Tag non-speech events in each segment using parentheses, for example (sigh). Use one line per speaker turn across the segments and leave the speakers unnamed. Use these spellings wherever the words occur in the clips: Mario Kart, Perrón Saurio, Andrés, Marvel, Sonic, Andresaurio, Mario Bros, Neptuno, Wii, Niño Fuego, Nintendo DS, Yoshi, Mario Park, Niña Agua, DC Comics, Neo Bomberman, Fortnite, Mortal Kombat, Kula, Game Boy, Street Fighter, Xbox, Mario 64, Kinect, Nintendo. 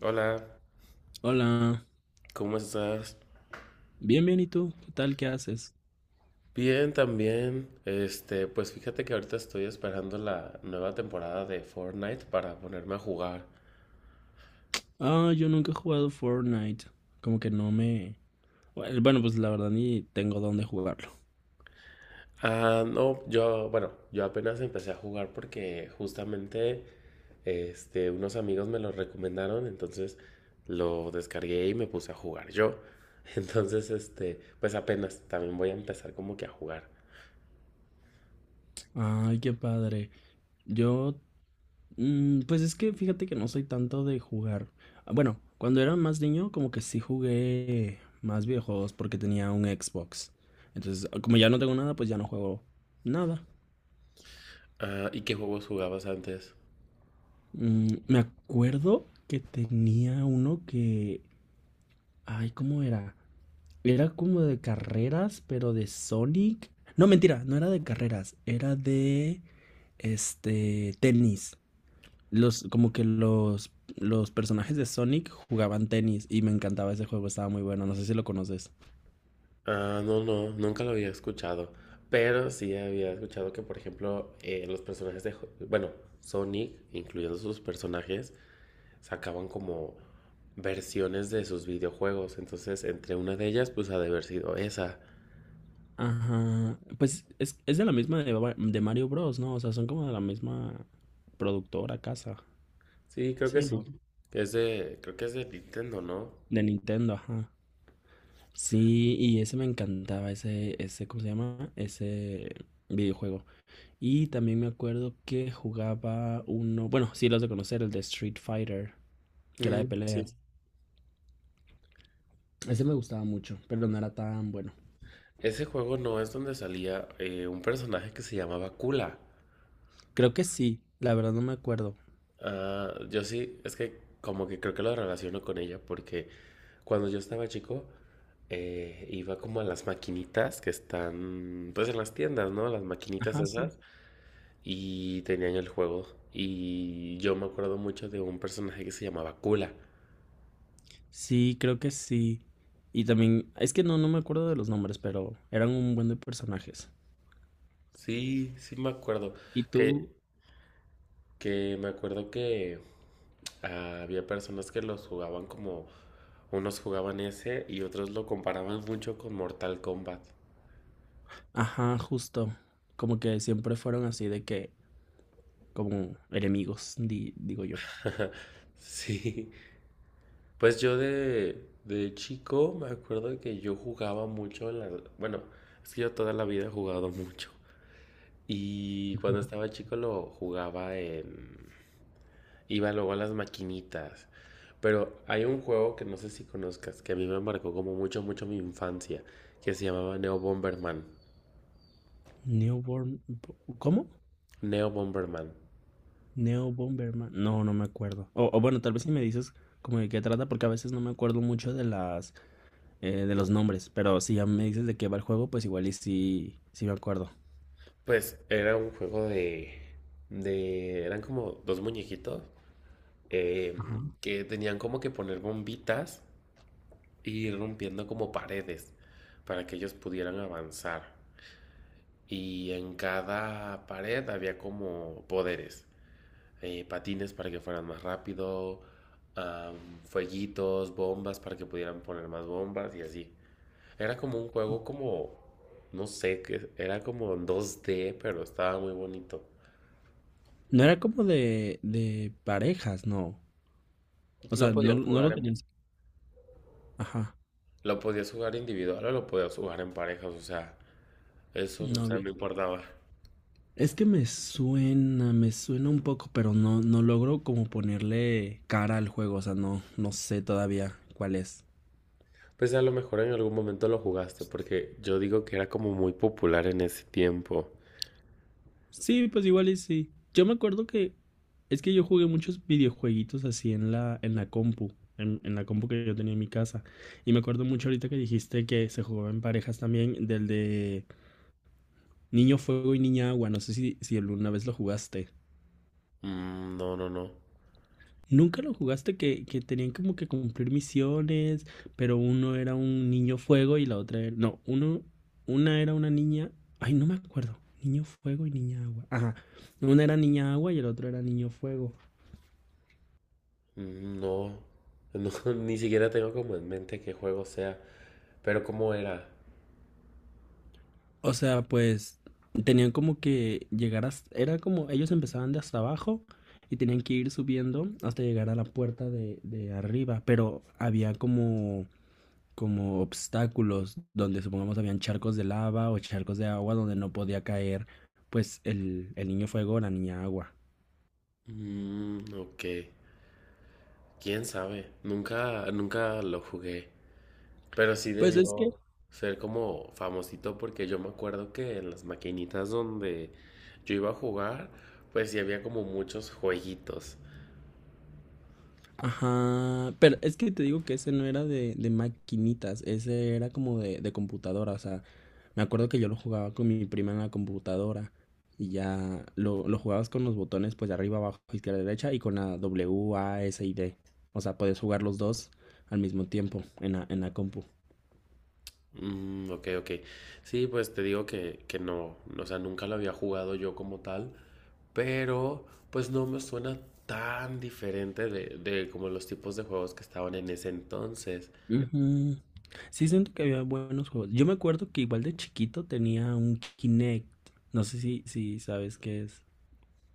Hola,
Hola,
¿cómo estás?
bien, bien, ¿y tú? ¿Qué tal? ¿Qué haces?
Bien, también. Pues fíjate que ahorita estoy esperando la nueva temporada de Fortnite para ponerme a jugar.
Ah, yo nunca he jugado Fortnite. Como que no me... Bueno, bueno, pues la verdad ni tengo dónde jugarlo.
Ah, no, yo, bueno, yo apenas empecé a jugar porque justamente, unos amigos me lo recomendaron, entonces lo descargué y me puse a jugar yo. (laughs) Entonces, pues apenas, también voy a empezar como que a jugar.
Ay, qué padre. Yo... pues es que fíjate que no soy tanto de jugar. Ah, bueno, cuando era más niño como que sí jugué más videojuegos porque tenía un Xbox. Entonces, como ya no tengo nada, pues ya no juego nada.
Ah, ¿y qué juegos jugabas antes?
Me acuerdo que tenía uno que... Ay, ¿cómo era? Era como de carreras, pero de Sonic. No, mentira, no era de carreras, era de tenis. Los, como que los personajes de Sonic jugaban tenis y me encantaba ese juego, estaba muy bueno, no sé si lo conoces.
Ah, no, no, nunca lo había escuchado. Pero sí había escuchado que, por ejemplo, los personajes de Sonic, incluyendo sus personajes, sacaban como versiones de sus videojuegos. Entonces, entre una de ellas, pues ha de haber sido esa.
Ajá, pues es de la misma Ba- de Mario Bros, ¿no? O sea, son como de la misma productora casa.
Sí, creo que
Sí, ¿no?
sí. Creo que es de Nintendo, ¿no?
De Nintendo, ajá. Sí, y ese me encantaba, ese, ¿cómo se llama? Ese videojuego. Y también me acuerdo que jugaba uno, bueno, sí los de conocer, el de Street Fighter, que era de
Mm, sí.
peleas. Ese me gustaba mucho, pero no era tan bueno.
Ese juego no es donde salía un personaje que se llamaba Kula.
Creo que sí, la verdad no me acuerdo.
Ah, yo sí, es que como que creo que lo relaciono con ella porque cuando yo estaba chico, iba como a las maquinitas que están, pues en las tiendas, ¿no? Las maquinitas
Ajá, sí.
esas. Y tenían el juego. Y yo me acuerdo mucho de un personaje que se llamaba Kula.
Sí, creo que sí. Y también, es que no me acuerdo de los nombres, pero eran un buen de personajes.
Sí, sí me acuerdo.
Y
Que,
tú,
que me acuerdo que había personas que los jugaban como... Unos jugaban ese y otros lo comparaban mucho con Mortal Kombat.
ajá, justo, como que siempre fueron así de que, como enemigos, di- digo yo.
(laughs) Sí. Pues yo de chico me acuerdo que yo jugaba mucho, bueno, es que yo toda la vida he jugado mucho. Y cuando estaba chico lo jugaba en... Iba luego a las maquinitas. Pero hay un juego que no sé si conozcas, que a mí me marcó como mucho, mucho mi infancia, que se llamaba Neo Bomberman.
Newborn, ¿cómo?
Neo Bomberman.
Neo Bomberman. No, no me acuerdo. O bueno, tal vez si me dices como de qué trata, porque a veces no me acuerdo mucho de las de los nombres. Pero si ya me dices de qué va el juego, pues igual y sí, sí me acuerdo.
Pues era un juego de... De eran como dos muñequitos eh, que tenían como que poner bombitas y ir rompiendo como paredes para que ellos pudieran avanzar. Y en cada pared había como poderes, patines para que fueran más rápido, fueguitos, bombas para que pudieran poner más bombas y así. Era como un juego como, no sé, que era como en dos d, pero estaba muy bonito.
No era como de parejas, no. O
Lo
sea, no,
podías
no
jugar
lo
en,
tenías. Ajá.
lo podías jugar individual o lo podías jugar en parejas, o sea, eso, o sea,
Novia.
no importaba.
Es que me suena un poco, pero no, no logro como ponerle cara al juego. O sea, no, no sé todavía cuál es.
Pues a lo mejor en algún momento lo jugaste, porque yo digo que era como muy popular en ese tiempo.
Sí, pues igual y sí. Yo me acuerdo que es que yo jugué muchos videojueguitos así en en la compu, en la compu que yo tenía en mi casa. Y me acuerdo mucho ahorita que dijiste que se jugaba en parejas también, del de Niño Fuego y Niña Agua. No sé si alguna vez lo jugaste.
Mm, no, no, no.
Nunca lo jugaste que tenían como que cumplir misiones, pero uno era un niño fuego y la otra era... No, uno, una era una niña... Ay, no me acuerdo. Niño fuego y niña agua. Ajá. Una era niña agua y el otro era niño fuego.
Mm, no. No, (laughs) ni siquiera tengo como en mente qué juego sea. Pero cómo era.
O sea, pues tenían como que llegar a... Era como ellos empezaban de hasta abajo y tenían que ir subiendo hasta llegar a la puerta de arriba, pero había como, como obstáculos donde supongamos habían charcos de lava o charcos de agua donde no podía caer pues el niño fuego o la niña agua.
Mm, ok. Quién sabe. Nunca, nunca lo jugué. Pero sí
Pues es que
debió ser como famosito, porque yo me acuerdo que en las maquinitas donde yo iba a jugar, pues sí había como muchos jueguitos.
ajá, pero es que te digo que ese no era de maquinitas, ese era como de computadora, o sea, me acuerdo que yo lo jugaba con mi prima en la computadora y ya lo jugabas con los botones pues de arriba, abajo, izquierda, derecha y con la W, A, S y D, o sea, podías jugar los dos al mismo tiempo en en la compu.
Mm, ok, ok. Sí, pues te digo que no, o sea, nunca lo había jugado yo como tal, pero pues no me suena tan diferente de como los tipos de juegos que estaban en ese entonces.
Ujú. Sí, siento que había buenos juegos. Yo me acuerdo que igual de chiquito tenía un Kinect, no sé si sabes qué es,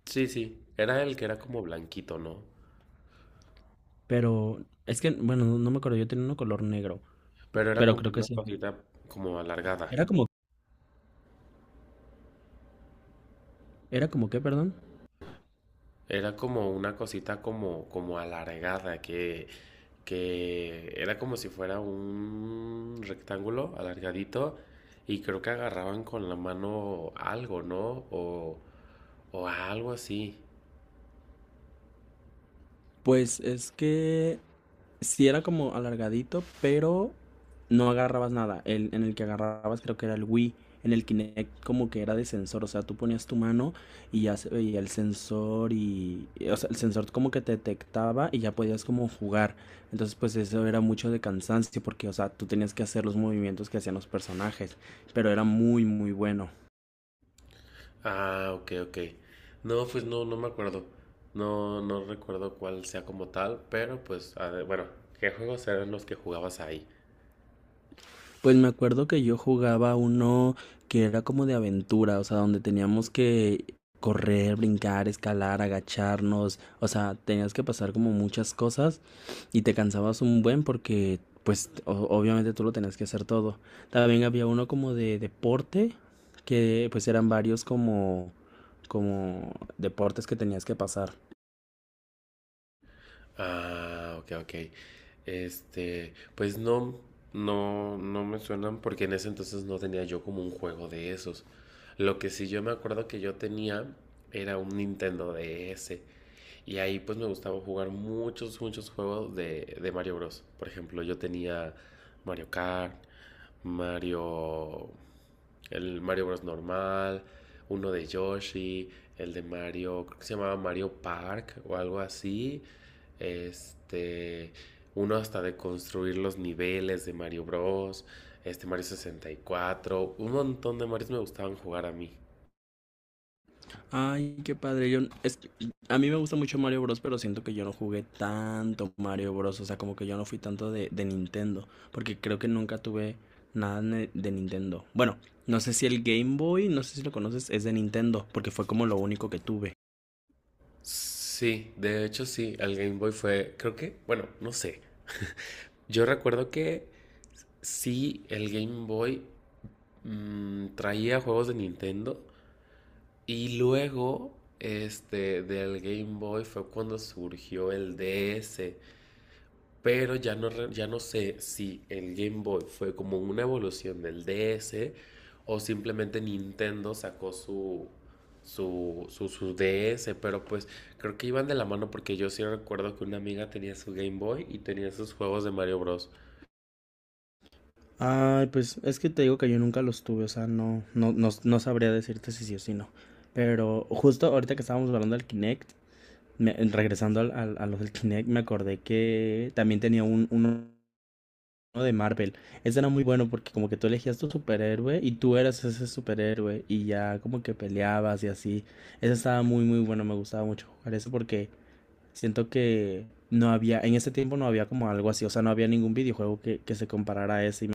Sí, sí, era el que era como blanquito, ¿no?
pero es que, bueno, no me acuerdo, yo tenía uno color negro.
Pero era
Pero
como
creo que
una
sí.
cosita como alargada.
Era como, era como que, perdón.
Era como una cosita como alargada que era como si fuera un rectángulo alargadito, y creo que agarraban con la mano algo, ¿no? O algo así.
Pues es que sí era como alargadito, pero no agarrabas nada. El, en el que agarrabas creo que era el Wii. En el Kinect como que era de sensor, o sea, tú ponías tu mano y ya se veía el sensor y, o sea, el sensor como que te detectaba y ya podías como jugar. Entonces, pues eso era mucho de cansancio porque, o sea, tú tenías que hacer los movimientos que hacían los personajes, pero era muy, muy bueno.
Ah, ok, ok. No, pues no, no me acuerdo. No, no recuerdo cuál sea como tal, pero pues, a ver, bueno, ¿qué juegos eran los que jugabas ahí?
Pues me acuerdo que yo jugaba uno que era como de aventura, o sea, donde teníamos que correr, brincar, escalar, agacharnos, o sea, tenías que pasar como muchas cosas y te cansabas un buen porque, pues, o- obviamente tú lo tenías que hacer todo. También había uno como de deporte, que pues eran varios como, como deportes que tenías que pasar.
Ah, ok, ok. Pues no, no, no me suenan porque en ese entonces no tenía yo como un juego de esos. Lo que sí yo me acuerdo que yo tenía era un Nintendo DS, y ahí pues me gustaba jugar muchos, muchos juegos de Mario Bros. Por ejemplo, yo tenía Mario Kart, Mario... El Mario Bros. Normal, uno de Yoshi, el de Mario, creo que se llamaba Mario Park o algo así. Este, uno hasta de construir los niveles de Mario Bros. Este Mario 64, un montón de Marios me gustaban jugar a mí.
Ay, qué padre. Yo, es que a mí me gusta mucho Mario Bros, pero siento que yo no jugué tanto Mario Bros. O sea, como que yo no fui tanto de Nintendo. Porque creo que nunca tuve nada ne- de Nintendo. Bueno, no sé si el Game Boy, no sé si lo conoces, es de Nintendo. Porque fue como lo único que tuve.
Sí, de hecho sí, el Game Boy fue, creo que, bueno, no sé. Yo recuerdo que sí, el Game Boy traía juegos de Nintendo y luego, del Game Boy fue cuando surgió el DS, pero ya no, ya no sé si el Game Boy fue como una evolución del DS o simplemente Nintendo sacó su DS, pero pues creo que iban de la mano porque yo sí recuerdo que una amiga tenía su Game Boy y tenía sus juegos de Mario Bros.
Ay, pues es que te digo que yo nunca los tuve, o sea, no, no sabría decirte si sí o si no. Pero justo ahorita que estábamos hablando del Kinect, me- regresando al- al- a los del Kinect, me acordé que también tenía un, uno ¿no? De Marvel. Ese era muy bueno porque como que tú elegías tu superhéroe y tú eras ese superhéroe y ya como que peleabas y así. Ese estaba muy muy bueno, me gustaba mucho jugar eso porque siento que no había, en ese tiempo no había como algo así, o sea, no había ningún videojuego que se comparara a ese. Y me-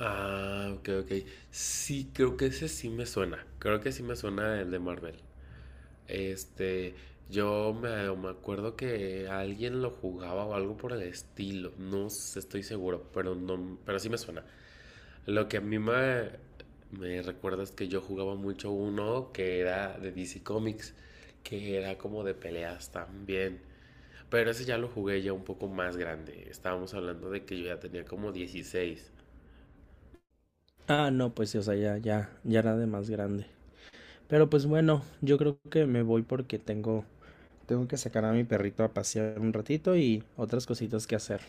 Ah, ok, ok. Sí, creo que ese sí me suena. Creo que sí me suena el de Marvel. Este, yo me acuerdo que alguien lo jugaba o algo por el estilo. No sé, estoy seguro, pero no, pero sí me suena. Lo que a mí me recuerda es que yo jugaba mucho uno que era de DC Comics, que era como de peleas también. Pero ese ya lo jugué ya un poco más grande. Estábamos hablando de que yo ya tenía como 16.
ah, no, pues sí, o sea, ya, ya, ya era de más grande. Pero pues bueno, yo creo que me voy porque tengo, tengo que sacar a mi perrito a pasear un ratito y otras cositas que hacer.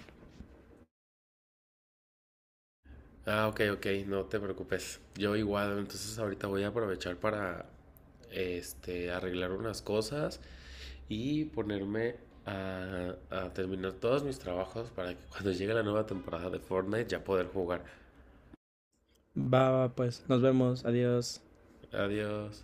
Ah, ok, ok, no te preocupes. Yo igual, entonces ahorita voy a aprovechar para arreglar unas cosas y ponerme a terminar todos mis trabajos para que cuando llegue la nueva temporada de Fortnite ya poder jugar.
Va, va, pues, nos vemos, adiós.
Adiós.